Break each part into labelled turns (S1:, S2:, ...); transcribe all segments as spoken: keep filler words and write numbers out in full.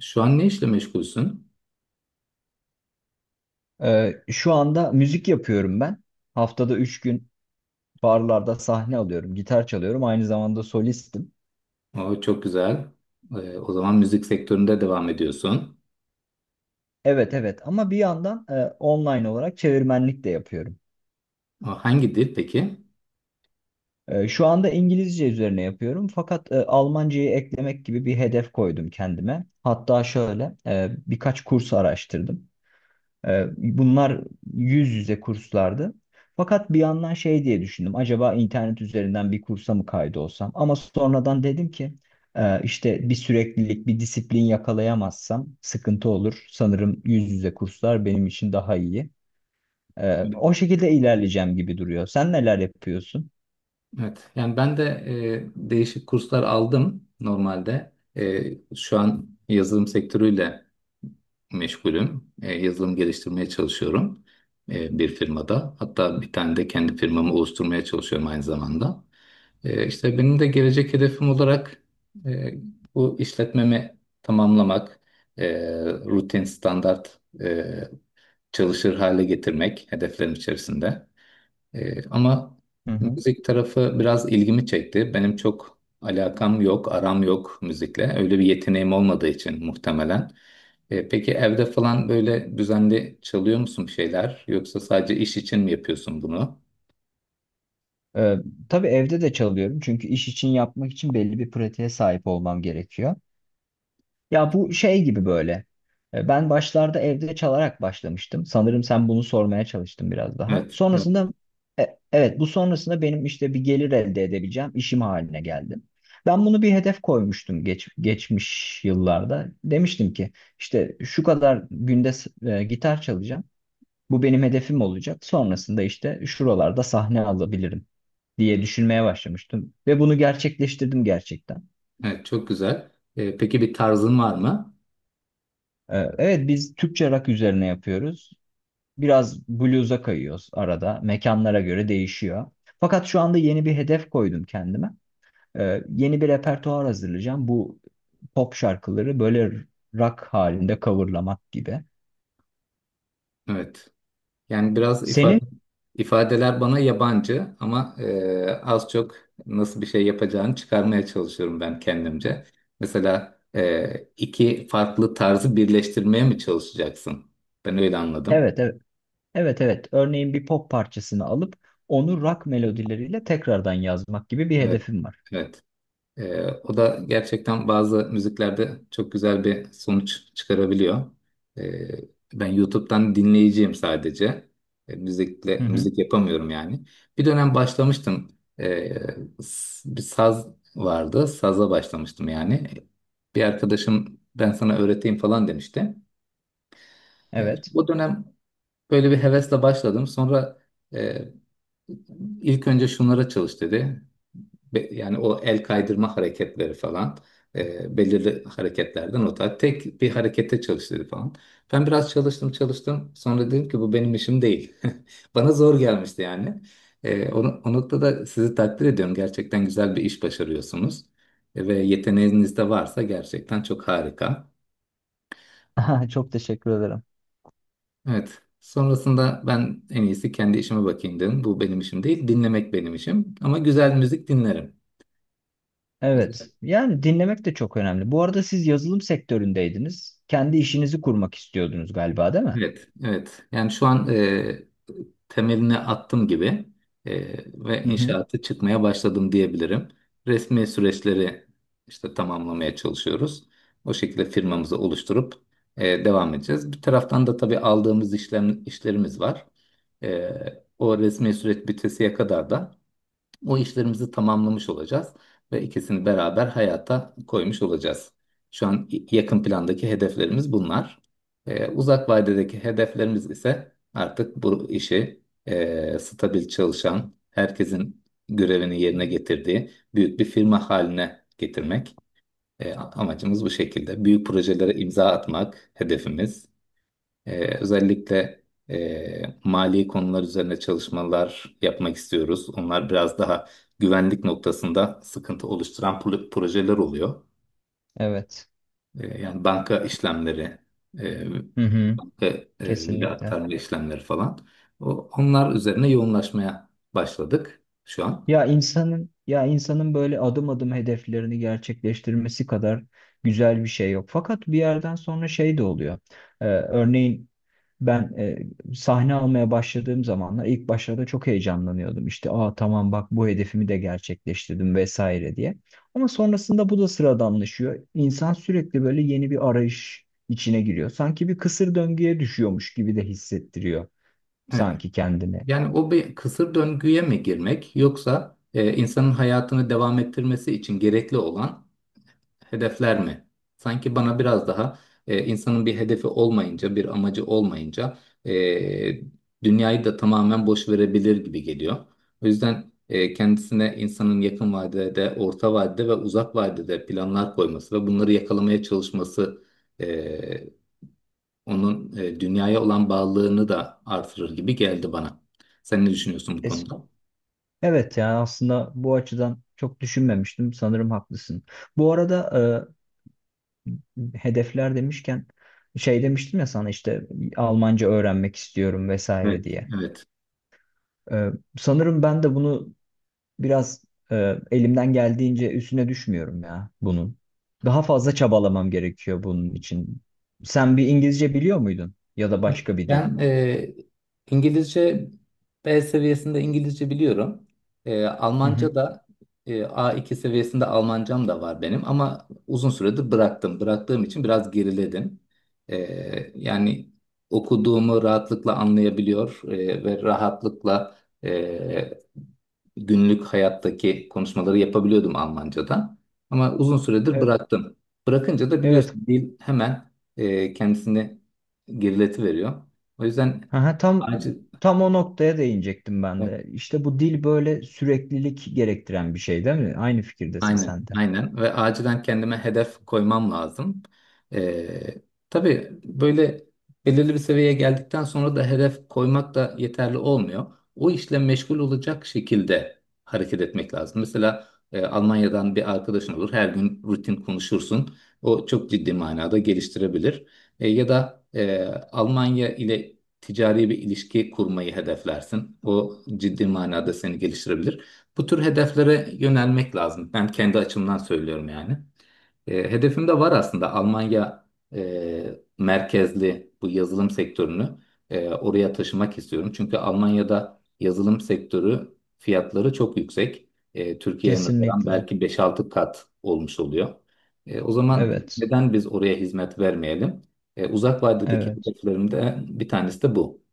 S1: Şu an ne işle meşgulsün?
S2: Ee, şu anda müzik yapıyorum ben. Haftada üç gün barlarda sahne alıyorum, gitar çalıyorum. Aynı zamanda solistim.
S1: O çok güzel. Ee, o zaman müzik sektöründe devam ediyorsun.
S2: Evet, evet, ama bir yandan e, online olarak çevirmenlik de yapıyorum.
S1: O hangi dil peki?
S2: E, şu anda İngilizce üzerine yapıyorum fakat e, Almancayı eklemek gibi bir hedef koydum kendime. Hatta şöyle e, birkaç kurs araştırdım. Ee, Bunlar yüz yüze kurslardı. Fakat bir yandan şey diye düşündüm. Acaba internet üzerinden bir kursa mı kaydolsam? Ama sonradan dedim ki e, işte bir süreklilik, bir disiplin yakalayamazsam sıkıntı olur. Sanırım yüz yüze kurslar benim için daha iyi. Ee, o şekilde ilerleyeceğim gibi duruyor. Sen neler yapıyorsun?
S1: Evet. Yani ben de e, değişik kurslar aldım normalde. E, şu an yazılım sektörüyle meşgulüm. E, yazılım geliştirmeye çalışıyorum e, bir firmada. Hatta bir tane de kendi firmamı oluşturmaya çalışıyorum aynı zamanda. E, işte benim de gelecek hedefim olarak e, bu işletmemi tamamlamak, e, rutin, standart e, çalışır hale getirmek hedeflerim içerisinde. E, ama
S2: Hı hı.
S1: müzik tarafı biraz ilgimi çekti. Benim çok alakam yok, aram yok müzikle. Öyle bir yeteneğim olmadığı için muhtemelen. E, peki evde falan böyle düzenli çalıyor musun bir şeyler? Yoksa sadece iş için mi yapıyorsun bunu?
S2: Ee, tabii evde de çalıyorum çünkü iş için yapmak için belli bir pratiğe sahip olmam gerekiyor. Ya bu şey gibi böyle. E, Ben başlarda evde çalarak başlamıştım. Sanırım sen bunu sormaya çalıştın biraz daha.
S1: Evet.
S2: Sonrasında e, evet, bu sonrasında benim işte bir gelir elde edebileceğim işim haline geldim. Ben bunu bir hedef koymuştum geç, geçmiş yıllarda. Demiştim ki işte şu kadar günde s- e, gitar çalacağım. Bu benim hedefim olacak. Sonrasında işte şuralarda sahne alabilirim diye düşünmeye başlamıştım. Ve bunu gerçekleştirdim gerçekten.
S1: Evet, çok güzel. Ee, peki bir tarzın var mı?
S2: Ee, Evet, biz Türkçe rock üzerine yapıyoruz. Biraz blues'a kayıyoruz arada. Mekanlara göre değişiyor. Fakat şu anda yeni bir hedef koydum kendime. Ee, yeni bir repertuar hazırlayacağım. Bu pop şarkıları böyle rock halinde coverlamak gibi.
S1: Evet. Yani biraz
S2: Senin
S1: ifade ifadeler bana yabancı ama e, az çok nasıl bir şey yapacağını çıkarmaya çalışıyorum ben kendimce. Mesela e, iki farklı tarzı birleştirmeye mi çalışacaksın? Ben öyle anladım.
S2: evet evet evet evet örneğin bir pop parçasını alıp onu rock melodileriyle tekrardan yazmak gibi bir
S1: Evet,
S2: hedefim var.
S1: evet. Ee, o da gerçekten bazı müziklerde çok güzel bir sonuç çıkarabiliyor. Ee, Ben YouTube'dan dinleyiciyim sadece. Ee, müzikle
S2: Hı hı.
S1: müzik yapamıyorum yani. Bir dönem başlamıştım. Ee, s- Bir saz vardı. Saza başlamıştım yani. Bir arkadaşım ben sana öğreteyim falan demişti. Ee,
S2: Evet.
S1: o dönem böyle bir hevesle başladım. Sonra e, İlk önce şunlara çalış dedi. Be- yani o el kaydırma hareketleri falan e, belirli hareketlerden o tarz. Tek bir harekete çalış dedi falan. Ben biraz çalıştım çalıştım. Sonra dedim ki bu benim işim değil. Bana zor gelmişti yani. E, o, o noktada sizi takdir ediyorum. Gerçekten güzel bir iş başarıyorsunuz. E, ve yeteneğiniz de varsa gerçekten çok harika.
S2: Çok teşekkür ederim.
S1: Evet. Sonrasında ben en iyisi kendi işime bakayım dedim. Bu benim işim değil. Dinlemek benim işim. Ama güzel müzik dinlerim.
S2: Evet. Yani dinlemek de çok önemli. Bu arada siz yazılım sektöründeydiniz. Kendi işinizi kurmak istiyordunuz galiba, değil mi?
S1: Evet, evet. Yani şu an e, temelini attım gibi e, ve
S2: Hı hı.
S1: inşaatı çıkmaya başladım diyebilirim. Resmi süreçleri işte tamamlamaya çalışıyoruz. O şekilde firmamızı oluşturup e, devam edeceğiz. Bir taraftan da tabii aldığımız işlem, işlerimiz var. E, O resmi süreç bitesiye kadar da o işlerimizi tamamlamış olacağız ve ikisini beraber hayata koymuş olacağız. Şu an y- yakın plandaki hedeflerimiz bunlar. Ee, uzak vadedeki hedeflerimiz ise artık bu işi e, stabil çalışan, herkesin görevini yerine getirdiği büyük bir firma haline getirmek. E, amacımız bu şekilde. Büyük projelere imza atmak hedefimiz. Ee, özellikle e, mali konular üzerine çalışmalar yapmak istiyoruz. Onlar biraz daha güvenlik noktasında sıkıntı oluşturan pro- projeler oluyor.
S2: Evet.
S1: Ee, yani banka işlemleri, e,
S2: Hı hı.
S1: banka e, veri
S2: Kesinlikle.
S1: aktarma işlemleri falan. O, onlar üzerine yoğunlaşmaya başladık şu an.
S2: Ya insanın ya insanın böyle adım adım hedeflerini gerçekleştirmesi kadar güzel bir şey yok. Fakat bir yerden sonra şey de oluyor. Ee, örneğin ben e, sahne almaya başladığım zamanlar ilk başlarda çok heyecanlanıyordum. İşte aa, tamam, bak, bu hedefimi de gerçekleştirdim vesaire diye. Ama sonrasında bu da sıradanlaşıyor. İnsan sürekli böyle yeni bir arayış içine giriyor. Sanki bir kısır döngüye düşüyormuş gibi de hissettiriyor
S1: Evet.
S2: sanki kendini.
S1: Yani o bir kısır döngüye mi girmek yoksa e, insanın hayatını devam ettirmesi için gerekli olan hedefler mi? Sanki bana biraz daha e, insanın bir hedefi olmayınca, bir amacı olmayınca e, dünyayı da tamamen boş verebilir gibi geliyor. O yüzden e, kendisine insanın yakın vadede, orta vadede ve uzak vadede planlar koyması ve bunları yakalamaya çalışması e, onun e, dünyaya olan bağlılığını da artırır gibi geldi bana. Sen ne düşünüyorsun bu konuda?
S2: Evet, ya aslında bu açıdan çok düşünmemiştim. Sanırım haklısın. Bu arada e, hedefler demişken şey demiştim ya sana işte Almanca öğrenmek istiyorum vesaire
S1: Evet,
S2: diye.
S1: evet.
S2: E, Sanırım ben de bunu biraz e, elimden geldiğince üstüne düşmüyorum ya bunun. Daha fazla çabalamam gerekiyor bunun için. Sen bir İngilizce biliyor muydun? Ya da başka bir dil?
S1: Ben e, İngilizce B seviyesinde İngilizce biliyorum. E,
S2: Hı
S1: Almanca
S2: hı.
S1: da e, A iki seviyesinde Almancam da var benim ama uzun süredir bıraktım. Bıraktığım için biraz geriledim. E, Yani okuduğumu rahatlıkla anlayabiliyor e, ve rahatlıkla e, günlük hayattaki konuşmaları yapabiliyordum Almanca'da. Ama uzun süredir
S2: E-
S1: bıraktım. Bırakınca da
S2: Evet.
S1: biliyorsun dil hemen e, kendisini gerileti veriyor. O yüzden
S2: Aha, tam
S1: acil,
S2: tam o noktaya değinecektim ben
S1: e,
S2: de. İşte bu dil böyle süreklilik gerektiren bir şey, değil mi? Aynı fikirdesin
S1: aynen,
S2: sen de.
S1: aynen ve acilen kendime hedef koymam lazım. Ee, tabii böyle belirli bir seviyeye geldikten sonra da hedef koymak da yeterli olmuyor. O işle meşgul olacak şekilde hareket etmek lazım. Mesela e, Almanya'dan bir arkadaşın olur, her gün rutin konuşursun. O çok ciddi manada geliştirebilir. E, ya da e, Almanya ile ticari bir ilişki kurmayı hedeflersin. O ciddi manada seni geliştirebilir. Bu tür hedeflere yönelmek lazım. Ben kendi açımdan söylüyorum yani. E, hedefim de var aslında Almanya e, merkezli bu yazılım sektörünü e, oraya taşımak istiyorum. Çünkü Almanya'da yazılım sektörü fiyatları çok yüksek. E, Türkiye'ye nazaran
S2: Kesinlikle.
S1: belki beş-altı kat olmuş oluyor. E, o zaman
S2: Evet.
S1: neden biz oraya hizmet vermeyelim? E, uzak vadedeki
S2: Evet.
S1: hedeflerimde bir tanesi de bu.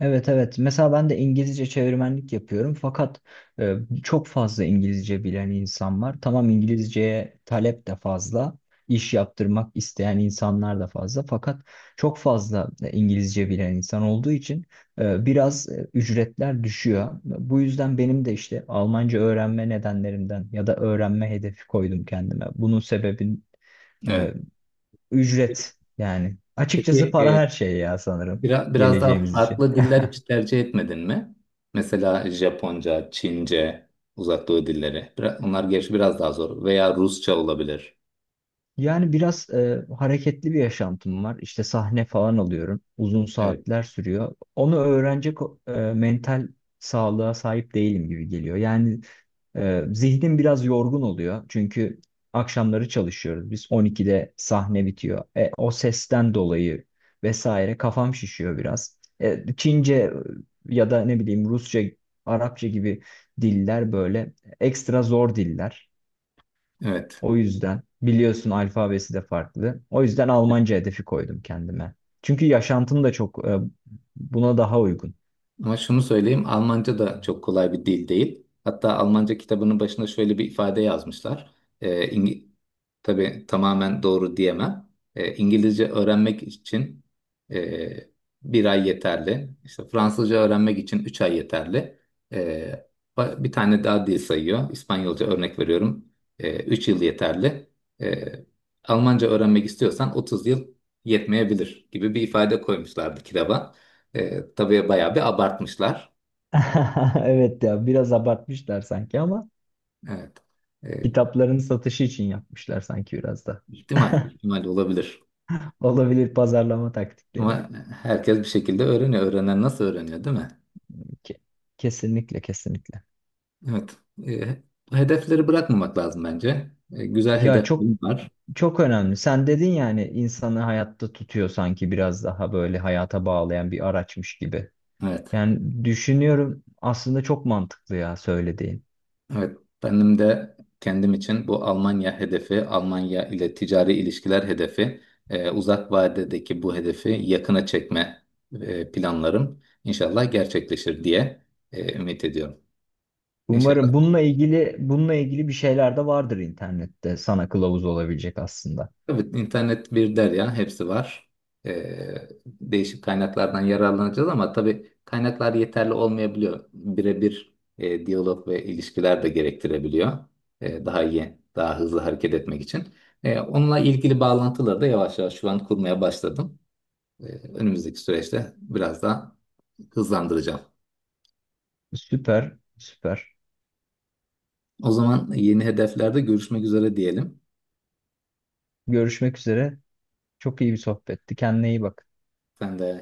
S2: Evet, evet. Mesela ben de İngilizce çevirmenlik yapıyorum fakat e, çok fazla İngilizce bilen insan var. Tamam, İngilizceye talep de fazla, iş yaptırmak isteyen insanlar da fazla fakat çok fazla e, İngilizce bilen insan olduğu için e, biraz e, ücretler düşüyor. Bu yüzden benim de işte Almanca öğrenme nedenlerimden ya da öğrenme hedefi koydum kendime. Bunun sebebin e,
S1: Evet.
S2: ücret yani. Açıkçası
S1: Peki
S2: para
S1: e,
S2: her şey ya sanırım
S1: Biraz, biraz daha
S2: geleceğimiz için.
S1: farklı diller hiç tercih etmedin mi? Mesela Japonca, Çince, Uzak Doğu dilleri. Bira- onlar gerçi biraz daha zor. Veya Rusça olabilir.
S2: Yani biraz e, hareketli bir yaşantım var. İşte sahne falan alıyorum. Uzun
S1: Evet.
S2: saatler sürüyor. Onu öğrenecek e, mental sağlığa sahip değilim gibi geliyor. Yani e, zihnim biraz yorgun oluyor. Çünkü akşamları çalışıyoruz. Biz on ikide sahne bitiyor. E, o sesten dolayı vesaire kafam şişiyor biraz. E, Çince, e, ya da ne bileyim Rusça, Arapça gibi diller böyle ekstra zor diller.
S1: Evet.
S2: O yüzden biliyorsun alfabesi de farklı. O yüzden Almanca hedefi koydum kendime. Çünkü yaşantım da çok e, buna daha uygun.
S1: Ama şunu söyleyeyim, Almanca da çok kolay bir dil değil. Hatta Almanca kitabının başında şöyle bir ifade yazmışlar. Ee, İngi- tabii tamamen doğru diyemem. Ee, İngilizce öğrenmek için e, bir ay yeterli. İşte Fransızca öğrenmek için üç ay yeterli. Ee, ba- Bir tane daha dil sayıyor. İspanyolca örnek veriyorum. Ee, üç yıl yeterli. Ee, Almanca öğrenmek istiyorsan otuz yıl yetmeyebilir gibi bir ifade koymuşlardı kitaba. E, tabii bayağı bir abartmışlar.
S2: Evet, ya biraz abartmışlar sanki ama
S1: Evet. E,
S2: kitapların satışı için yapmışlar sanki biraz da.
S1: ihtimal, ihtimal olabilir.
S2: Olabilir, pazarlama taktikleri.
S1: Ama herkes bir şekilde öğreniyor. Öğrenen nasıl öğreniyor, değil mi?
S2: Ke- Kesinlikle, kesinlikle.
S1: Evet. E, Hedefleri bırakmamak lazım bence. E, güzel
S2: Ya çok
S1: hedeflerim var.
S2: Çok önemli. Sen dedin, yani insanı hayatta tutuyor sanki, biraz daha böyle hayata bağlayan bir araçmış gibi.
S1: Evet.
S2: Yani düşünüyorum aslında çok mantıklı ya söylediğin.
S1: Evet. Benim de kendim için bu Almanya hedefi, Almanya ile ticari ilişkiler hedefi, e, uzak vadedeki bu hedefi yakına çekme e, planlarım inşallah gerçekleşir diye e, ümit ediyorum. İnşallah.
S2: Umarım bununla ilgili bununla ilgili bir şeyler de vardır internette sana kılavuz olabilecek aslında.
S1: Evet, internet bir derya, hepsi var. Ee, değişik kaynaklardan yararlanacağız ama tabii kaynaklar yeterli olmayabiliyor. Birebir e, diyalog ve ilişkiler de gerektirebiliyor. Ee, daha iyi, daha hızlı hareket etmek için. Ee, onunla ilgili bağlantıları da yavaş yavaş şu an kurmaya başladım. Ee, Önümüzdeki süreçte biraz daha hızlandıracağım.
S2: Süper, süper.
S1: O zaman yeni hedeflerde görüşmek üzere diyelim.
S2: Görüşmek üzere. Çok iyi bir sohbetti. Kendine iyi bak.
S1: Sen de